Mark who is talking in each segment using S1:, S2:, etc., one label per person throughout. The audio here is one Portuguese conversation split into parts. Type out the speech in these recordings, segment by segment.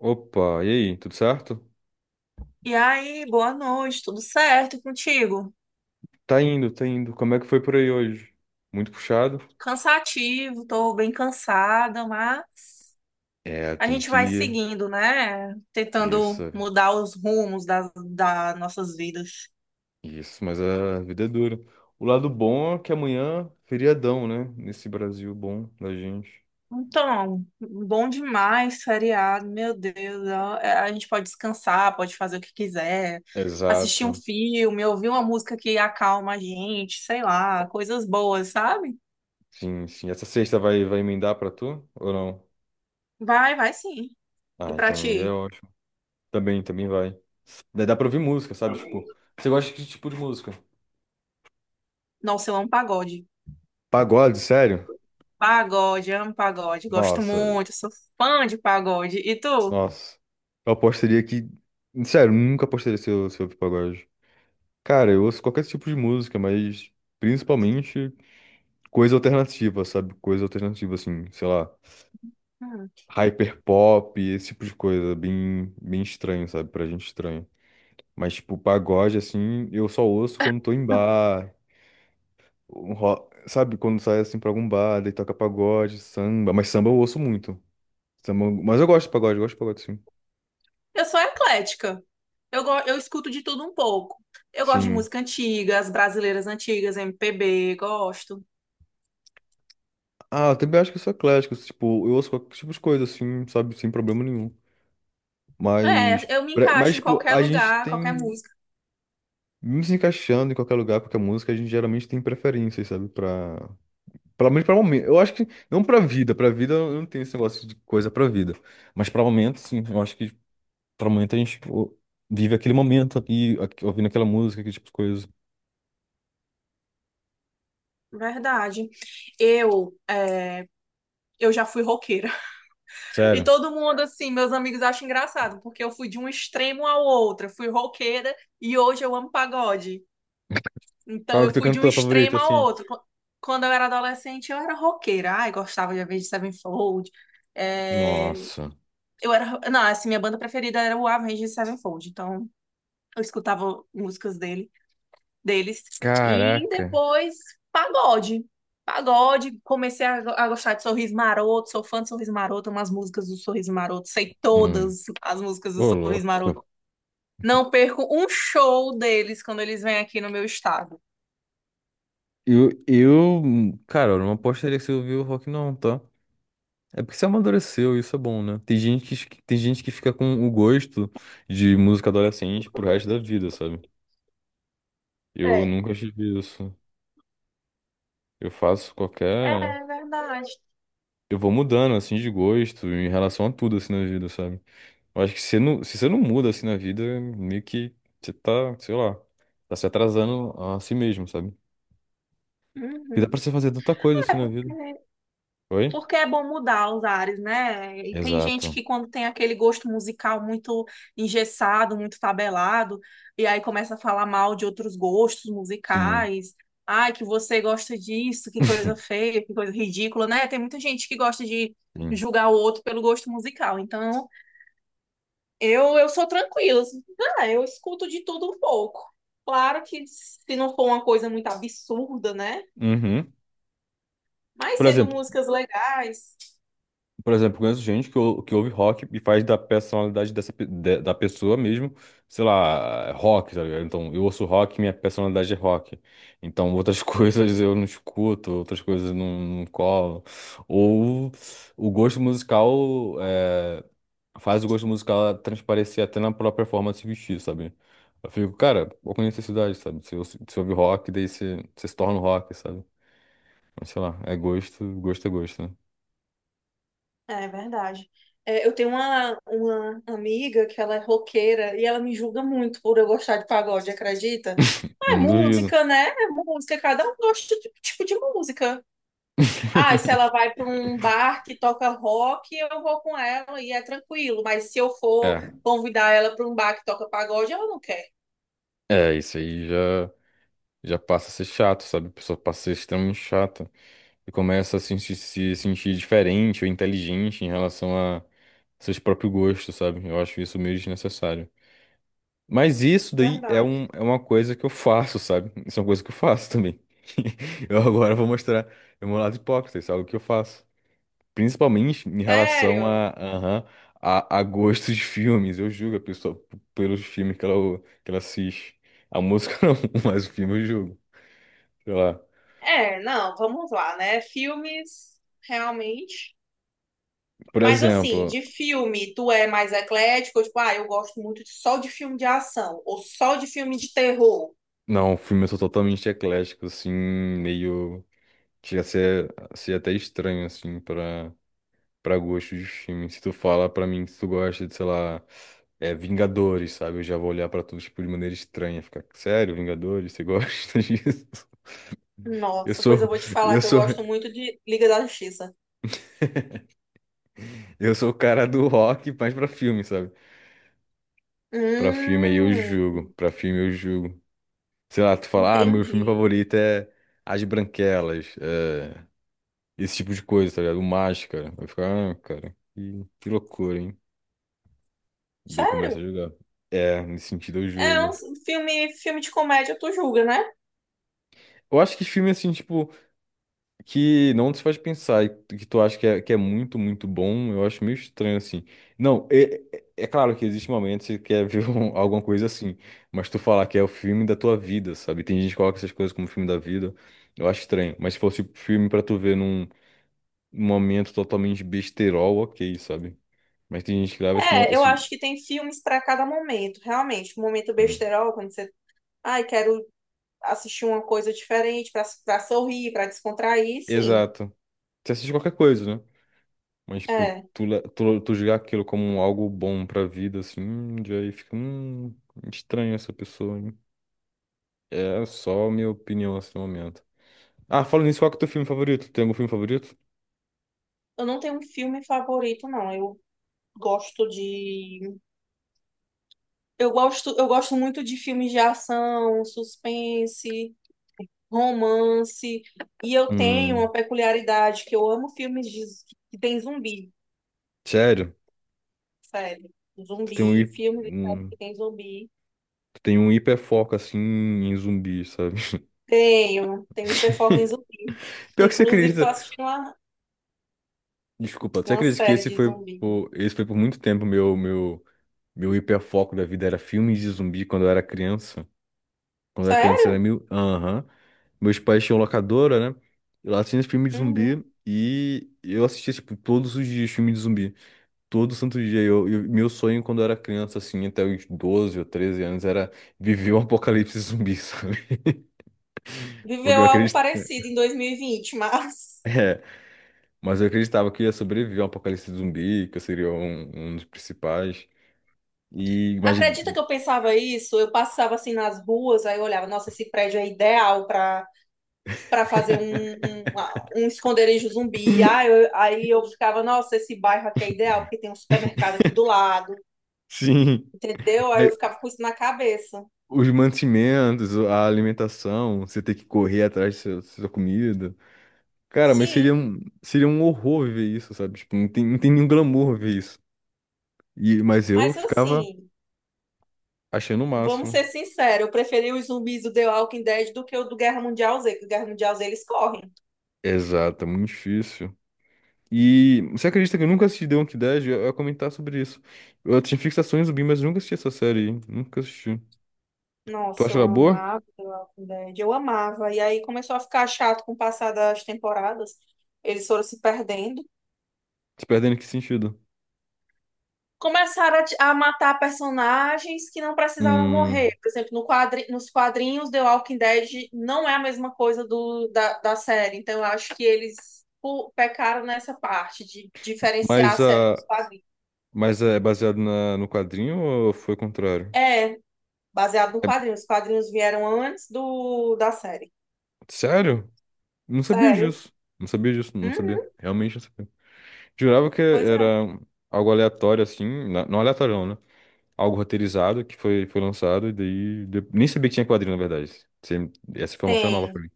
S1: Opa, e aí, tudo certo?
S2: E aí, boa noite, tudo certo e contigo?
S1: Tá indo, tá indo. Como é que foi por aí hoje? Muito puxado?
S2: Cansativo, tô bem cansada, mas
S1: É,
S2: a
S1: tem
S2: gente
S1: que
S2: vai
S1: ir.
S2: seguindo, né? Tentando
S1: Isso,
S2: mudar os rumos das nossas vidas.
S1: isso, mas a vida é dura. O lado bom é que amanhã, feriadão, né? Nesse Brasil bom da gente.
S2: Então, bom demais, feriado, meu Deus. Ó, a gente pode descansar, pode fazer o que quiser, assistir um
S1: Exato.
S2: filme, ouvir uma música que acalma a gente, sei lá, coisas boas, sabe?
S1: Sim, sim. Essa sexta vai emendar pra tu ou não?
S2: Vai, vai sim. E
S1: Ah,
S2: pra
S1: então aí é
S2: ti?
S1: ótimo. Também, também vai. Daí dá pra ouvir música, sabe? Tipo, você gosta de que tipo de música?
S2: Nossa, eu amo pagode.
S1: Pagode, sério?
S2: Pagode, amo pagode, gosto
S1: Nossa,
S2: muito, sou fã de pagode. E tu?
S1: nossa. Eu apostaria que. Sério, nunca apostaria se eu ouvir pagode. Cara, eu ouço qualquer tipo de música, mas principalmente coisa alternativa, sabe? Coisa alternativa, assim, sei lá,
S2: Hum.
S1: hyperpop, esse tipo de coisa, bem, bem estranho, sabe? Pra gente estranho. Mas, tipo, pagode, assim, eu só ouço quando tô em bar, sabe? Quando sai, assim, pra algum bar, daí toca pagode, samba. Mas samba eu ouço muito. Samba. Mas eu gosto de pagode, eu gosto de pagode, sim.
S2: Eu sou eclética. Eu escuto de tudo um pouco. Eu gosto de
S1: Sim.
S2: música antiga, as brasileiras antigas, MPB, gosto.
S1: Ah, eu também acho que eu sou eclético, tipo, eu ouço qualquer tipo de coisa, assim, sabe, sem problema nenhum. Mas,
S2: É, eu me
S1: mas
S2: encaixo em
S1: tipo,
S2: qualquer
S1: a gente
S2: lugar, qualquer
S1: tem,
S2: música.
S1: mesmo se encaixando em qualquer lugar, qualquer música, a gente geralmente tem preferências, sabe, pra. Pelo menos pra momento. Eu acho que, não pra vida, pra vida eu não tenho esse negócio de coisa pra vida. Mas pra momento, sim, eu acho que pra momento a gente, tipo, vive aquele momento aqui, ouvindo aquela música, aquele tipo de coisa.
S2: Verdade. Eu, é, eu já fui roqueira. E
S1: Sério.
S2: todo mundo, assim, meus amigos acham engraçado, porque eu fui de um extremo ao outro. Eu fui roqueira e hoje eu amo pagode. Então
S1: Qual é o
S2: eu
S1: teu
S2: fui de um
S1: cantor favorito,
S2: extremo ao
S1: assim?
S2: outro. Quando eu era adolescente, eu era roqueira. Ai, gostava de Avenged Sevenfold. É,
S1: Nossa.
S2: Eu era... Não, assim, minha banda preferida era o Avenged Sevenfold. Então eu escutava músicas deles. E
S1: Caraca.
S2: depois, pagode. Pagode, a gostar de Sorriso Maroto, sou fã de Sorriso Maroto, umas músicas do Sorriso Maroto, sei
S1: Hum,
S2: todas as músicas do
S1: ô
S2: Sorriso
S1: louco.
S2: Maroto. Não perco um show deles quando eles vêm aqui no meu estado.
S1: Cara, eu não apostaria que você ouviu o rock, não, tá? É porque você amadureceu, isso é bom, né? Tem gente que fica com o gosto de música adolescente pro resto da vida, sabe? Eu
S2: É,
S1: nunca tive isso. Eu faço qualquer.
S2: é verdade.
S1: Eu vou mudando, assim, de gosto em relação a tudo, assim, na vida, sabe? Eu acho que se, não, se você não muda, assim, na vida, meio que você tá, sei lá, tá se atrasando a si mesmo, sabe? Porque dá
S2: Uhum.
S1: pra você fazer tanta coisa, assim, na vida.
S2: É,
S1: Oi?
S2: porque é bom mudar os ares, né? E tem gente
S1: Exato.
S2: que quando tem aquele gosto musical muito engessado, muito tabelado, e aí começa a falar mal de outros gostos
S1: Sim.
S2: musicais. Ai, que você gosta disso, que coisa feia, que coisa ridícula, né? Tem muita gente que gosta de
S1: Sim.
S2: julgar o outro pelo gosto musical. Então, eu sou tranquila assim. Ah, eu escuto de tudo um pouco. Claro que se não for uma coisa muito absurda, né?
S1: Uhum.
S2: Mas
S1: Por
S2: sendo
S1: exemplo,
S2: músicas legais,
S1: por exemplo, conheço gente que ouve rock e faz da personalidade da pessoa mesmo, sei lá, rock, tá ligado? Então, eu ouço rock, minha personalidade é rock. Então, outras coisas eu não escuto, outras coisas eu não colo. Ou o gosto musical é, faz o gosto musical transparecer até na própria forma de se vestir, sabe? Eu fico, cara, qual que é a necessidade, sabe? Se você se ouve rock, daí você se torna um rock, sabe? Mas sei lá, é gosto, gosto é gosto, né?
S2: é verdade. É, eu tenho uma amiga que ela é roqueira e ela me julga muito por eu gostar de pagode, acredita? Ah,
S1: Eu
S2: é
S1: não duvido.
S2: música, né? É música, cada um gosta de um tipo de música. Ah, e se ela vai para um bar que toca rock, eu vou com ela e é tranquilo. Mas se eu for
S1: É,
S2: convidar ela para um bar que toca pagode, ela não quer.
S1: é, isso aí já passa a ser chato, sabe? A pessoa passa a ser extremamente chata e começa a se sentir diferente ou inteligente em relação a seus próprios gostos, sabe? Eu acho isso meio desnecessário. Mas isso daí é,
S2: Verdade.
S1: um, é uma coisa que eu faço, sabe? Isso é uma coisa que eu faço também. Eu agora vou mostrar o meu lado hipócrita, isso é algo que eu faço. Principalmente em relação
S2: Sério?
S1: a, aham, a gostos de filmes. Eu julgo a pessoa pelos filmes que ela assiste. A música não, mas o filme eu julgo. Sei lá.
S2: É, não, vamos lá, né? Filmes, realmente.
S1: Por
S2: Mas assim,
S1: exemplo,
S2: de filme, tu é mais eclético? Tipo, ah, eu gosto muito só de filme de ação, ou só de filme de terror.
S1: não, o filme eu sou totalmente eclético, assim, meio. Chega a ser até estranho, assim, pra gostos de filme. Se tu fala pra mim que tu gosta de, sei lá, é, Vingadores, sabe? Eu já vou olhar pra tu, tipo, de maneira estranha. Ficar, sério, Vingadores, você gosta disso? Eu
S2: Nossa, pois eu
S1: sou.
S2: vou te falar
S1: Eu
S2: que eu
S1: sou
S2: gosto muito de Liga da Justiça.
S1: Eu sou o cara do rock, mas pra filme, sabe? Pra filme aí eu
S2: Hum,
S1: julgo. Pra filme eu julgo. Sei lá, tu fala, ah, meu filme
S2: entendi.
S1: favorito é As Branquelas, esse tipo de coisa, tá ligado? O Máscara. Eu fico, ah, cara, que loucura, hein? Daí
S2: Sério?
S1: começa a julgar. É, nesse sentido eu
S2: É
S1: julgo.
S2: um filme de comédia, tu julga, né?
S1: Eu acho que filme, assim, tipo, que não te faz pensar e que tu acha que é muito, muito bom, eu acho meio estranho assim. Não, é claro que existe momentos que você quer ver alguma coisa assim, mas tu falar que é o filme da tua vida, sabe? Tem gente que coloca essas coisas como filme da vida, eu acho estranho. Mas se fosse filme pra tu ver num momento totalmente besterol, ok, sabe? Mas tem gente que leva esse. mo-
S2: É, eu
S1: esse...
S2: acho que tem filmes pra cada momento, realmente. Momento
S1: Hum,
S2: besterol, quando você, ai, quero assistir uma coisa diferente, pra sorrir, pra descontrair, sim.
S1: exato. Você assiste qualquer coisa, né? Mas, tipo,
S2: É.
S1: tu julgar aquilo como algo bom pra vida, assim, já aí fica, estranho essa pessoa, hein? É só a minha opinião nesse momento. Ah, falando nisso, qual que é o teu filme favorito? Tem algum filme favorito?
S2: Eu não tenho um filme favorito, não. Eu gosto de. Eu gosto muito de filmes de ação, suspense, romance. E eu tenho uma
S1: Hum,
S2: peculiaridade que eu amo filmes que tem zumbi,
S1: sério?
S2: sério.
S1: Tu tem um,
S2: Zumbi,
S1: hi-
S2: filmes de série que
S1: hum,
S2: tem zumbi.
S1: tu tem um hiperfoco, assim, em zumbi, sabe?
S2: Tenho, tenho hiperfoco em zumbi.
S1: Pior que você
S2: Inclusive,
S1: acredita. Desculpa, você
S2: uma
S1: acredita que
S2: série
S1: esse
S2: de
S1: foi
S2: zumbi.
S1: por, esse foi por muito tempo meu hiperfoco da vida era filmes de zumbi quando eu era criança? Quando era criança era
S2: Sério?
S1: mil. Aham. Meus pais tinham locadora, né? E lá tinha filme de
S2: Uhum.
S1: zumbi. E eu assistia, tipo, todos os dias filme de zumbi. Todo santo dia. Meu sonho quando eu era criança, assim, até os 12 ou 13 anos, era viver um apocalipse zumbi, sabe? Porque eu
S2: Viveu algo parecido
S1: acreditava.
S2: em 2020, mas
S1: É, mas eu acreditava que eu ia sobreviver ao apocalipse zumbi, que eu seria um dos principais. E, mas,
S2: acredita que eu pensava isso? Eu passava assim nas ruas, aí eu olhava, nossa, esse prédio é ideal para para fazer um, um, um esconderijo zumbi. Aí eu ficava, nossa, esse bairro aqui é ideal, porque tem um supermercado aqui do lado,
S1: sim.
S2: entendeu? Aí
S1: Aí,
S2: eu ficava com isso na cabeça.
S1: os mantimentos, a alimentação, você ter que correr atrás da sua comida. Cara, mas seria
S2: Sim,
S1: um, seria um horror ver isso, sabe? Tipo, não tem nenhum glamour ver isso. Mas eu
S2: mas
S1: ficava
S2: assim,
S1: achando o
S2: vamos
S1: máximo.
S2: ser sinceros, eu preferi os zumbis do The Walking Dead do que o do Guerra Mundial Z, que o Guerra Mundial Z eles correm.
S1: Exato, é muito difícil. E você acredita que eu nunca assisti The Walking Dead? Eu ia comentar sobre isso. Eu tinha fixações zumbi, mas eu nunca assisti essa série aí. Nunca assisti. Tu
S2: Nossa,
S1: acha
S2: eu
S1: ela boa?
S2: amava The Walking Dead, eu amava. E aí começou a ficar chato com o passar das temporadas. Eles foram se perdendo.
S1: Se perdendo em que sentido?
S2: Começaram a matar personagens que não precisavam
S1: Hum,
S2: morrer. Por exemplo, no quadri, nos quadrinhos The Walking Dead não é a mesma coisa da série. Então eu acho que eles pecaram nessa parte de diferenciar a
S1: mas,
S2: série
S1: a,
S2: dos quadrinhos.
S1: mas é baseado no quadrinho ou foi o contrário?
S2: É, baseado no
S1: É-
S2: quadrinho. Os quadrinhos vieram antes da série.
S1: Sério? Não sabia
S2: Sério?
S1: disso. Não sabia disso, não sabia.
S2: Uhum,
S1: Realmente não sabia. Jurava que
S2: pois é.
S1: era algo aleatório, assim. Não aleatório, não, né? Algo roteirizado que foi lançado e daí. Nem sabia que tinha quadrinho, na verdade. Essa informação é nova pra
S2: Tem,
S1: mim.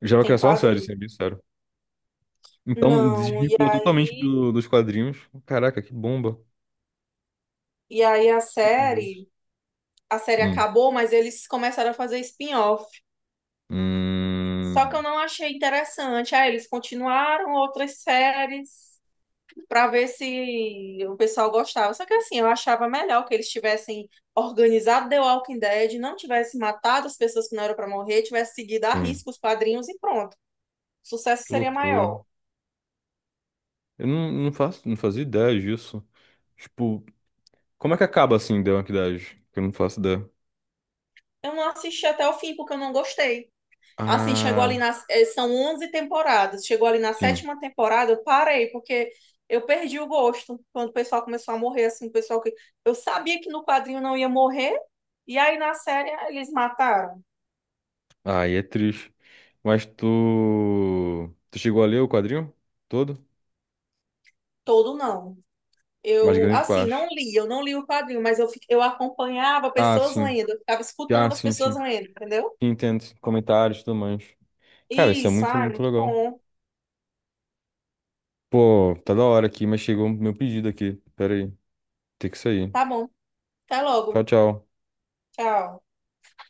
S1: Eu jurava que
S2: tem
S1: era só uma série, sendo
S2: quadrinho.
S1: bem sério. Então,
S2: Não,
S1: desvinculou totalmente
S2: aí,
S1: dos quadrinhos. Caraca, que bomba.
S2: e aí
S1: Meu Deus.
S2: a série
S1: Hum.
S2: acabou, mas eles começaram a fazer spin-off. Só que eu
S1: Hum.
S2: não achei interessante. Aí eles continuaram outras séries para ver se o pessoal gostava. Só que assim, eu achava melhor que eles tivessem organizado The Walking Dead, não tivesse matado as pessoas que não eram para morrer, tivesse seguido a
S1: hum,
S2: risco os quadrinhos e pronto. O sucesso
S1: Que
S2: seria
S1: loucura.
S2: maior.
S1: Eu não, não faço, não fazia ideia disso. Tipo, como é que acaba assim, The Walking Dead? Que eu não faço ideia.
S2: Eu não assisti até o fim porque eu não gostei. Assim, chegou ali
S1: Ah,
S2: nas. Eh, São 11 temporadas. Chegou ali na
S1: sim.
S2: sétima temporada, eu parei, porque eu perdi o gosto. Quando o pessoal começou a morrer, assim, o pessoal que. Eu sabia que no quadrinho não ia morrer, e aí na série eles mataram.
S1: Aí é triste. Mas tu. Tu chegou a ler o quadrinho? Todo?
S2: Todo não.
S1: Mais
S2: Eu,
S1: grande
S2: assim,
S1: parte.
S2: não li, eu não li o quadrinho, mas eu acompanhava
S1: Ah,
S2: pessoas
S1: sim.
S2: lendo, eu ficava
S1: Ah,
S2: escutando as
S1: sim,
S2: pessoas
S1: sim.
S2: lendo, entendeu?
S1: Entendo. Comentários e tudo mais. Cara, isso é
S2: Isso,
S1: muito,
S2: ah,
S1: muito
S2: muito
S1: legal.
S2: bom.
S1: Pô, tá da hora aqui, mas chegou meu pedido aqui. Pera aí. Tem que sair.
S2: Tá bom. Até
S1: Tchau,
S2: logo.
S1: tchau.
S2: Tchau.